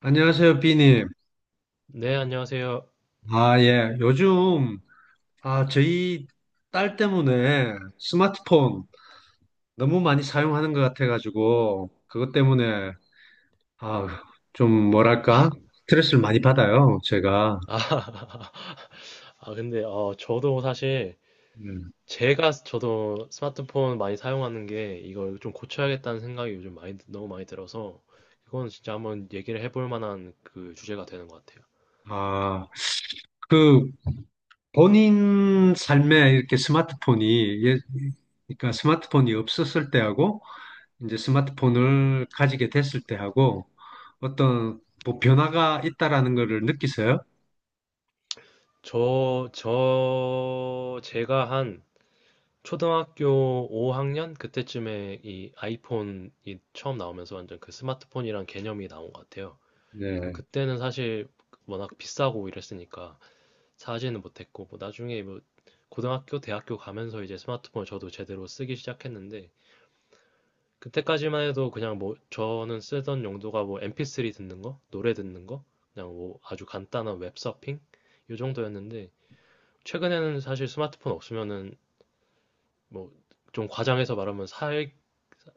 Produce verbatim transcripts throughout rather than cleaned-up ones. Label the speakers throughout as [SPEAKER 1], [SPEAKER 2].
[SPEAKER 1] 안녕하세요, 비님.
[SPEAKER 2] 네, 안녕하세요.
[SPEAKER 1] 아, 예. 요즘, 아, 저희 딸 때문에 스마트폰 너무 많이 사용하는 것 같아가지고, 그것 때문에, 아, 좀 뭐랄까? 스트레스를 많이 받아요, 제가.
[SPEAKER 2] 아, 아, 근데, 어, 저도 사실,
[SPEAKER 1] 음.
[SPEAKER 2] 제가 저도 스마트폰 많이 사용하는 게 이걸 좀 고쳐야겠다는 생각이 요즘 많이, 너무 많이 들어서, 이건 진짜 한번 얘기를 해볼 만한 그 주제가 되는 것 같아요.
[SPEAKER 1] 아, 그, 본인 삶에 이렇게 스마트폰이, 예, 그러니까 스마트폰이 없었을 때하고, 이제 스마트폰을 가지게 됐을 때하고, 어떤 뭐 변화가 있다라는 거를 느끼세요?
[SPEAKER 2] 저, 저, 제가 한 초등학교 오 학년? 그때쯤에 이 아이폰이 처음 나오면서 완전 그 스마트폰이란 개념이 나온 것 같아요. 그래서
[SPEAKER 1] 네.
[SPEAKER 2] 그때는 사실 워낙 비싸고 이랬으니까, 사지는 못했고 뭐 나중에 뭐 고등학교, 대학교 가면서 이제 스마트폰을 저도 제대로 쓰기 시작했는데 그때까지만 해도 그냥 뭐 저는 쓰던 용도가 뭐 엠피쓰리 듣는 거, 노래 듣는 거, 그냥 뭐 아주 간단한 웹서핑 요 정도였는데 최근에는 사실 스마트폰 없으면은 뭐 좀 과장해서 말하면 살,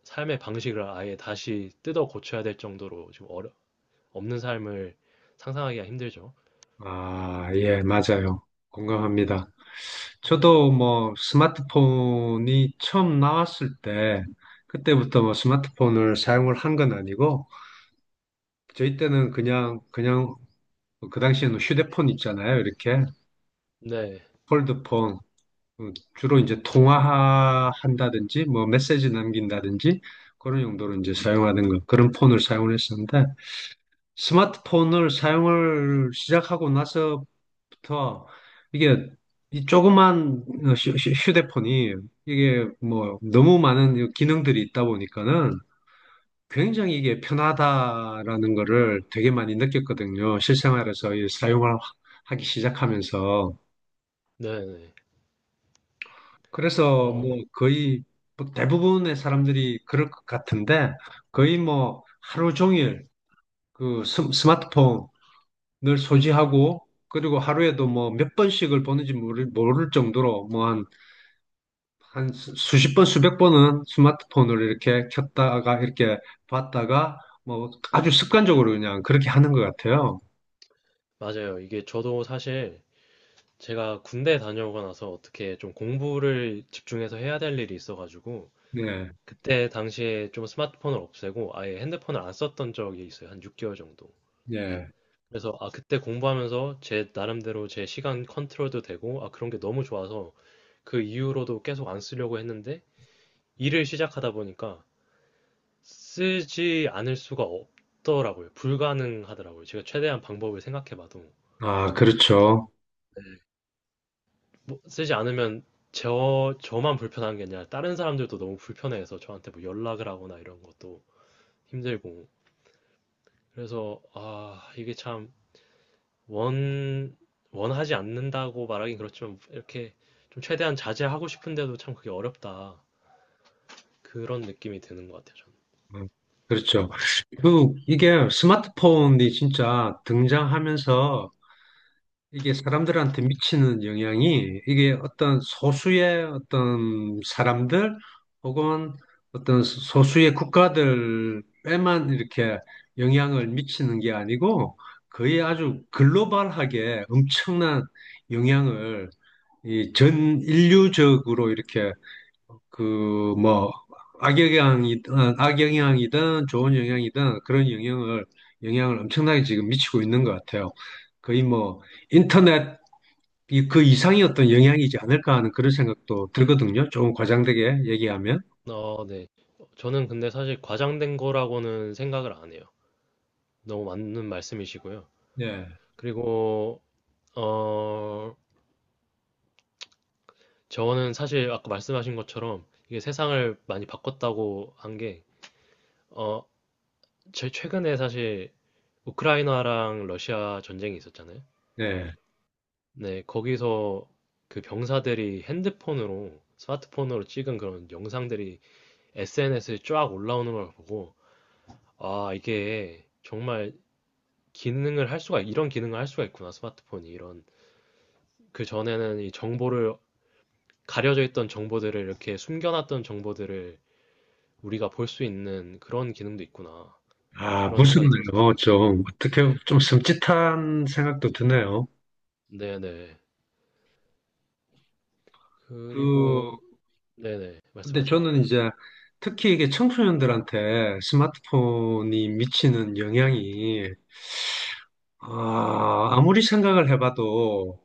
[SPEAKER 2] 삶의 방식을 아예 다시 뜯어 고쳐야 될 정도로 지금 어려, 없는 삶을 상상하기가 힘들죠.
[SPEAKER 1] 아, 예, 맞아요. 공감합니다.
[SPEAKER 2] 네.
[SPEAKER 1] 저도 뭐 스마트폰이 처음 나왔을 때 그때부터 뭐 스마트폰을 사용을 한 건 아니고 저희 때는 그냥 그냥 뭐 그 당시에는 휴대폰 있잖아요. 이렇게
[SPEAKER 2] 네.
[SPEAKER 1] 폴드폰 어, 주로 이제 통화한다든지 뭐 메시지 남긴다든지 그런 용도로 이제 사용하는 거 그런 폰을 사용을 했었는데 스마트폰을 사용을 시작하고 나서부터 이게 이 조그만 어, 휴- 휴- 휴대폰이 이게 뭐 너무 많은 이 기능들이 있다 보니까는 굉장히 이게 편하다라는 거를 되게 많이 느꼈거든요. 실생활에서 이 사용을 하- 하기 시작하면서.
[SPEAKER 2] 네. 네.
[SPEAKER 1] 그래서
[SPEAKER 2] 어,
[SPEAKER 1] 뭐 거의 뭐 대부분의 사람들이 그럴 것 같은데 거의 뭐 하루 종일 그 스- 스마트폰 늘 소지하고 그리고 하루에도 뭐 몇 번씩을 보는지 모를, 모를 정도로 뭐 한, 한 수- 수십 번, 수백 번은 스마트폰을 이렇게 켰다가 이렇게 봤다가 뭐 아주 습관적으로 그냥 그렇게 하는 것 같아요.
[SPEAKER 2] 맞아요. 이게 저도 사실 제가 군대 다녀오고 나서 어떻게 좀 공부를 집중해서 해야 될 일이 있어가지고
[SPEAKER 1] 네,
[SPEAKER 2] 그때 당시에 좀 스마트폰을 없애고 아예 핸드폰을 안 썼던 적이 있어요. 한 육 개월 정도.
[SPEAKER 1] 네
[SPEAKER 2] 그래서 아 그때 공부하면서 제 나름대로 제 시간 컨트롤도 되고 아 그런 게 너무 좋아서 그 이후로도 계속 안 쓰려고 했는데 일을 시작하다 보니까 쓰지 않을 수가 없더라고요. 불가능하더라고요. 제가 최대한 방법을 생각해봐도.
[SPEAKER 1] 아, 그렇죠.
[SPEAKER 2] 뭐, 쓰지 않으면 저, 저만 불편한 게 아니라 다른 사람들도 너무 불편해서 저한테 뭐 연락을 하거나 이런 것도 힘들고. 그래서, 아, 이게 참 원, 원하지 않는다고 말하긴 그렇지만 이렇게 좀 최대한 자제하고 싶은데도 참 그게 어렵다. 그런 느낌이 드는 것 같아요,
[SPEAKER 1] 음, 그렇죠. 그, 이게 스마트폰이 진짜 등장하면서 이게 사람들한테 미치는 영향이 이게 어떤 소수의 어떤 사람들 혹은 어떤 소수의 국가들에만 이렇게 영향을 미치는 게 아니고 거의 아주 글로벌하게 엄청난 영향을 이 전 인류적으로 이렇게 그 뭐 악영향이든 악영향이든 좋은 영향이든 그런 영향을 영향을 엄청나게 지금 미치고 있는 것 같아요. 거의 뭐 인터넷 이, 그 이상의 어떤 영향이지 않을까 하는 그런 생각도 들거든요. 조금 과장되게 얘기하면.
[SPEAKER 2] 저는. 어, 네. 저는 근데 사실 과장된 거라고는 생각을 안 해요. 너무 맞는 말씀이시고요.
[SPEAKER 1] 네.
[SPEAKER 2] 그리고, 어, 저는 사실 아까 말씀하신 것처럼 이게 세상을 많이 바꿨다고 한 게, 어, 제 최근에 사실 우크라이나랑 러시아 전쟁이 있었잖아요.
[SPEAKER 1] 네.
[SPEAKER 2] 네, 거기서 그 병사들이 핸드폰으로, 스마트폰으로 찍은 그런 영상들이 에스엔에스에 쫙 올라오는 걸 보고, 아, 이게 정말 기능을 할 수가, 이런 기능을 할 수가 있구나, 스마트폰이. 이런. 그 전에는 이 정보를, 가려져 있던 정보들을 이렇게 숨겨놨던 정보들을 우리가 볼 수 있는 그런 기능도 있구나.
[SPEAKER 1] 아,
[SPEAKER 2] 그런 생각이 들었었어요.
[SPEAKER 1] 무섭네요. 좀, 어떻게, 좀 섬찟한 생각도 드네요.
[SPEAKER 2] 네네.
[SPEAKER 1] 그,
[SPEAKER 2] 그리고 네네.
[SPEAKER 1] 근데
[SPEAKER 2] 말씀하세요.
[SPEAKER 1] 저는 이제 특히 이게 청소년들한테 스마트폰이 미치는 영향이, 아, 아무리 생각을 해봐도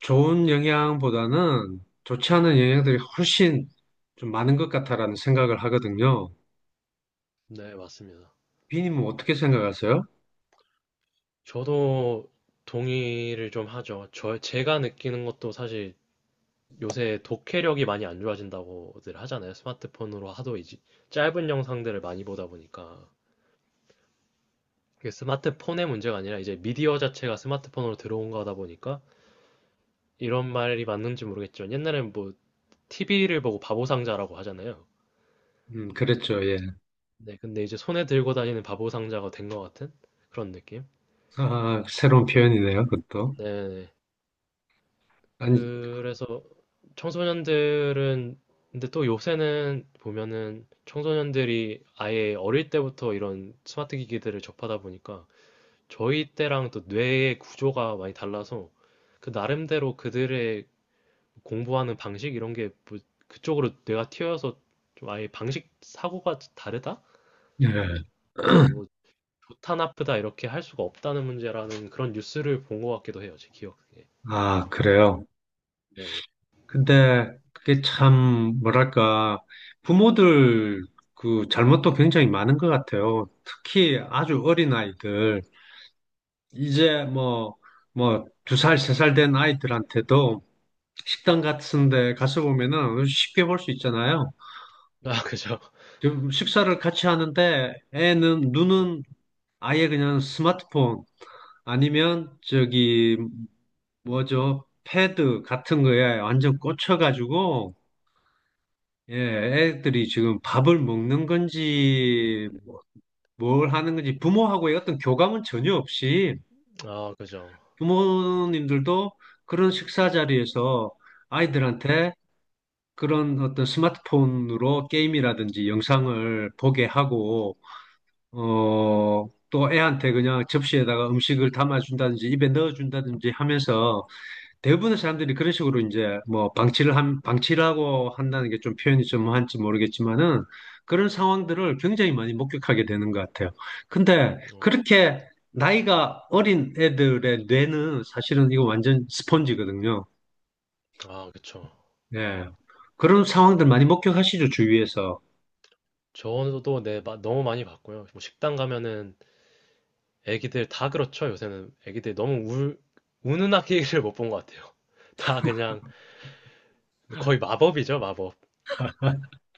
[SPEAKER 1] 좋은 영향보다는 좋지 않은 영향들이 훨씬 좀 많은 것 같다라는 생각을 하거든요.
[SPEAKER 2] 네, 맞습니다.
[SPEAKER 1] 비님은 어떻게 생각하세요?
[SPEAKER 2] 저도 동의를 좀 하죠. 저 제가 느끼는 것도 사실 요새 독해력이 많이 안 좋아진다고들 하잖아요. 스마트폰으로 하도 이제 짧은 영상들을 많이 보다 보니까 그게 스마트폰의 문제가 아니라 이제 미디어 자체가 스마트폰으로 들어온 거다 보니까 이런 말이 맞는지 모르겠지만 옛날엔 뭐 티비를 보고 바보상자라고 하잖아요.
[SPEAKER 1] 음, 그랬죠, 예.
[SPEAKER 2] 네, 근데 이제 손에 들고 다니는 바보 상자가 된 것 같은 그런 느낌?
[SPEAKER 1] 아, 새로운 표현이네요, 그것도.
[SPEAKER 2] 네네.
[SPEAKER 1] 아니,
[SPEAKER 2] 그래서 청소년들은, 근데 또 요새는 보면은 청소년들이 아예 어릴 때부터 이런 스마트 기기들을 접하다 보니까 저희 때랑 또 뇌의 구조가 많이 달라서 그 나름대로 그들의 공부하는 방식 이런 게뭐 그쪽으로 뇌가 튀어서 좀 아예 방식 사고가 다르다?
[SPEAKER 1] 예.
[SPEAKER 2] 그래서 뭐 좋다 나쁘다 이렇게 할 수가 없다는 문제라는 그런 뉴스를 본 것 같기도 해요, 제 기억에.
[SPEAKER 1] 아, 그래요.
[SPEAKER 2] 네네.
[SPEAKER 1] 근데 그게 참, 뭐랄까, 부모들 그 잘못도 굉장히 많은 것 같아요. 특히 아주 어린 아이들. 이제 뭐, 뭐, 두 살, 세 살 된 아이들한테도 식당 같은 데 가서 보면은 쉽게 볼 수 있잖아요.
[SPEAKER 2] 아, 그죠.
[SPEAKER 1] 지금 식사를 같이 하는데 애는, 눈은 아예 그냥 스마트폰, 아니면 저기 뭐죠? 패드 같은 거에 완전 꽂혀가지고, 예, 애들이 지금 밥을 먹는 건지,
[SPEAKER 2] 음,
[SPEAKER 1] 뭘 하는 건지, 부모하고의 어떤 교감은 전혀 없이,
[SPEAKER 2] 아, 그죠.
[SPEAKER 1] 부모님들도 그런 식사 자리에서 아이들한테 그런 어떤 스마트폰으로 게임이라든지 영상을 보게 하고, 어, 또 애한테 그냥 접시에다가 음식을 담아준다든지 입에 넣어준다든지 하면서 대부분의 사람들이 그런 식으로 이제 뭐 방치를 한, 방치라고 한다는 게 좀 표현이 좀 한지 모르겠지만은 그런 상황들을 굉장히 많이 목격하게 되는 것 같아요. 근데
[SPEAKER 2] 어,
[SPEAKER 1] 그렇게 나이가 어린 애들의 뇌는 사실은 이거 완전 스펀지거든요.
[SPEAKER 2] 아, 그쵸.
[SPEAKER 1] 예. 그런 상황들 많이 목격하시죠, 주위에서.
[SPEAKER 2] 저도 네, 마- 너무 많이 봤고요. 뭐 식당 가면은 애기들 다 그렇죠. 요새는 애기들 너무 울, 우는 아기를 못 본 것 같아요. 다 그냥 거의 마법이죠, 마법.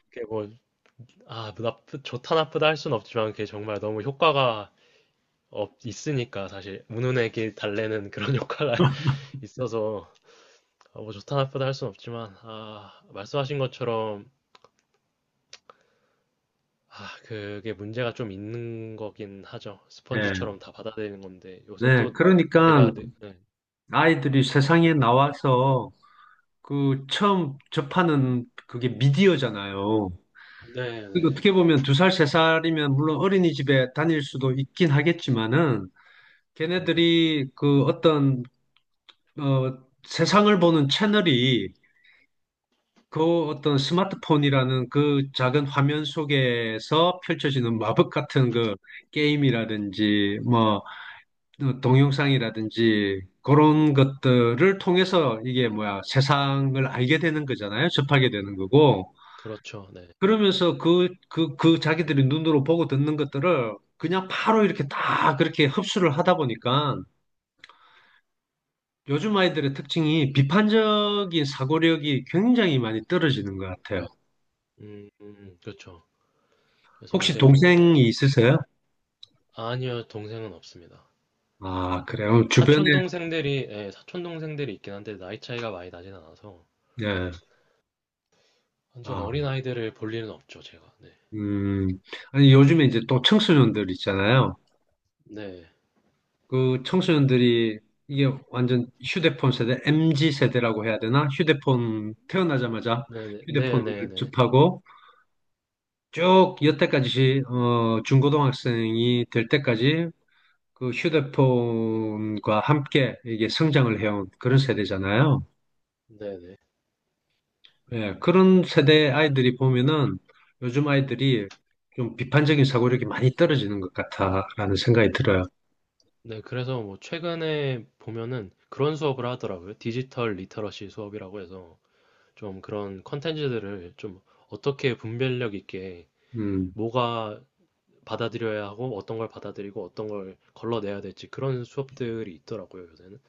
[SPEAKER 2] 그게 뭐, 아, 나쁘, 좋다 나쁘다 할 순 없지만 그게 정말 너무 효과가 없, 있으니까 사실 우는 애기 달래는 그런 효과가 있어서 어, 뭐 좋다 나쁘다 할 순 없지만 아, 말씀하신 것처럼 아, 그게 문제가 좀 있는 거긴 하죠.
[SPEAKER 1] 예.
[SPEAKER 2] 스펀지처럼 다 받아들이는 건데 요새
[SPEAKER 1] 네.
[SPEAKER 2] 또
[SPEAKER 1] 그러니까
[SPEAKER 2] 제가 네, 네,
[SPEAKER 1] 아이들이 세상에 나와서 그 처음 접하는 그게 미디어잖아요.
[SPEAKER 2] 네,
[SPEAKER 1] 그리고
[SPEAKER 2] 네.
[SPEAKER 1] 어떻게 보면 두 살, 세 살이면 물론 어린이집에 다닐 수도 있긴 하겠지만은 걔네들이 그 어떤 어 세상을 보는 채널이 그 어떤 스마트폰이라는 그 작은 화면 속에서 펼쳐지는 마법 같은 그 게임이라든지 뭐 어, 동영상이라든지 그런 것들을 통해서 이게 뭐야 세상을 알게 되는 거잖아요. 접하게 되는 거고.
[SPEAKER 2] 그렇죠. 네.
[SPEAKER 1] 그러면서 그, 그, 그 자기들이 눈으로 보고 듣는 것들을 그냥 바로 이렇게 다 그렇게 흡수를 하다 보니까 요즘 아이들의 특징이 비판적인 사고력이 굉장히 많이 떨어지는 것 같아요.
[SPEAKER 2] 음, 음, 그렇죠. 그래서
[SPEAKER 1] 혹시
[SPEAKER 2] 요새 뭐
[SPEAKER 1] 동생이 있으세요?
[SPEAKER 2] 아니요 동생은 없습니다.
[SPEAKER 1] 아, 그래요. 어, 주변에,
[SPEAKER 2] 사촌 동생들이 예, 사촌 동생들이 있긴 한데 나이 차이가 많이 나진 않아서
[SPEAKER 1] 예.
[SPEAKER 2] 완전
[SPEAKER 1] 아,
[SPEAKER 2] 어린 아이들을 볼 일은 없죠 제가. 네,
[SPEAKER 1] 음. 아니, 요즘에 이제 또 청소년들 있잖아요.
[SPEAKER 2] 네,
[SPEAKER 1] 그 청소년들이 이게 완전 휴대폰 세대, 엠지 세대라고 해야 되나? 휴대폰 태어나자마자
[SPEAKER 2] 네, 네, 네,
[SPEAKER 1] 휴대폰을
[SPEAKER 2] 네, 네,
[SPEAKER 1] 접하고 쭉 여태까지 어, 중고등학생이 될 때까지 그 휴대폰과 함께 이게 성장을 해온 그런 세대잖아요.
[SPEAKER 2] 네. 네.
[SPEAKER 1] 예, 그런 세대 아이들이 보면은 요즘 아이들이 좀 비판적인 사고력이 많이 떨어지는 것 같다라는 생각이 들어요.
[SPEAKER 2] 네, 그래서 뭐 최근에 보면은 그런 수업을 하더라고요. 디지털 리터러시 수업이라고 해서 좀 그런 컨텐츠들을 좀 어떻게 분별력 있게
[SPEAKER 1] 음,
[SPEAKER 2] 뭐가 받아들여야 하고 어떤 걸 받아들이고 어떤 걸 걸러내야 될지 그런 수업들이 있더라고요, 요새는.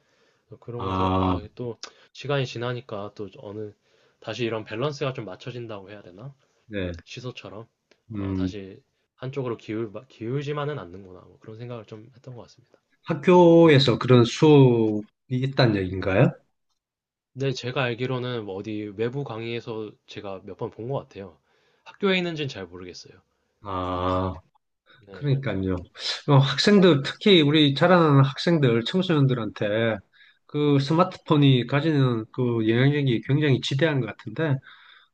[SPEAKER 2] 그래서 그런 거서
[SPEAKER 1] 아,
[SPEAKER 2] 아, 또 시간이 지나니까 또 어느 다시 이런 밸런스가 좀 맞춰진다고 해야 되나?
[SPEAKER 1] 네,
[SPEAKER 2] 시소처럼 어,
[SPEAKER 1] 음,
[SPEAKER 2] 다시 한쪽으로 기울 기울지만은 않는구나. 뭐 그런 생각을 좀 했던 것 같습니다.
[SPEAKER 1] 학교에서 그런 수업이 있다는 얘기인가요?
[SPEAKER 2] 네, 제가 알기로는 뭐 어디 외부 강의에서 제가 몇 번 본 것 같아요. 학교에 있는지는 잘 모르겠어요.
[SPEAKER 1] 아.
[SPEAKER 2] 네.
[SPEAKER 1] 그러니까요. 어, 학생들, 특히 우리 자라나는 학생들, 청소년들한테 그 스마트폰이 가지는 그 영향력이 굉장히 지대한 것 같은데,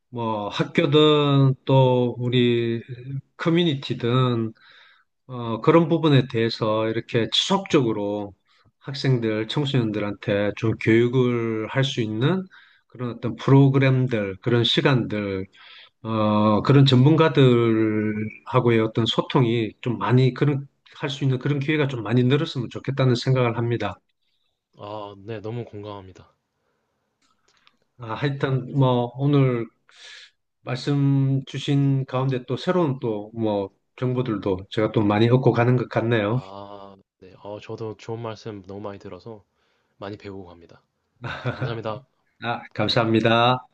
[SPEAKER 1] 뭐 학교든 또 우리 커뮤니티든, 어, 그런 부분에 대해서 이렇게 지속적으로 학생들, 청소년들한테 좀 교육을 할 수 있는 그런 어떤 프로그램들, 그런 시간들, 어, 그런 전문가들하고의 어떤 소통이 좀 많이 그런 할 수 있는 그런 기회가 좀 많이 늘었으면 좋겠다는 생각을 합니다.
[SPEAKER 2] 아, 네, 너무 공감합니다.
[SPEAKER 1] 아, 하여튼 뭐 오늘 말씀 주신 가운데 또 새로운 또 뭐 정보들도 제가 또 많이 얻고 가는 것 같네요.
[SPEAKER 2] 아, 네. 어, 저도 좋은 말씀 너무 많이 들어서 많이 배우고 갑니다. 감사합니다.
[SPEAKER 1] 아, 감사합니다.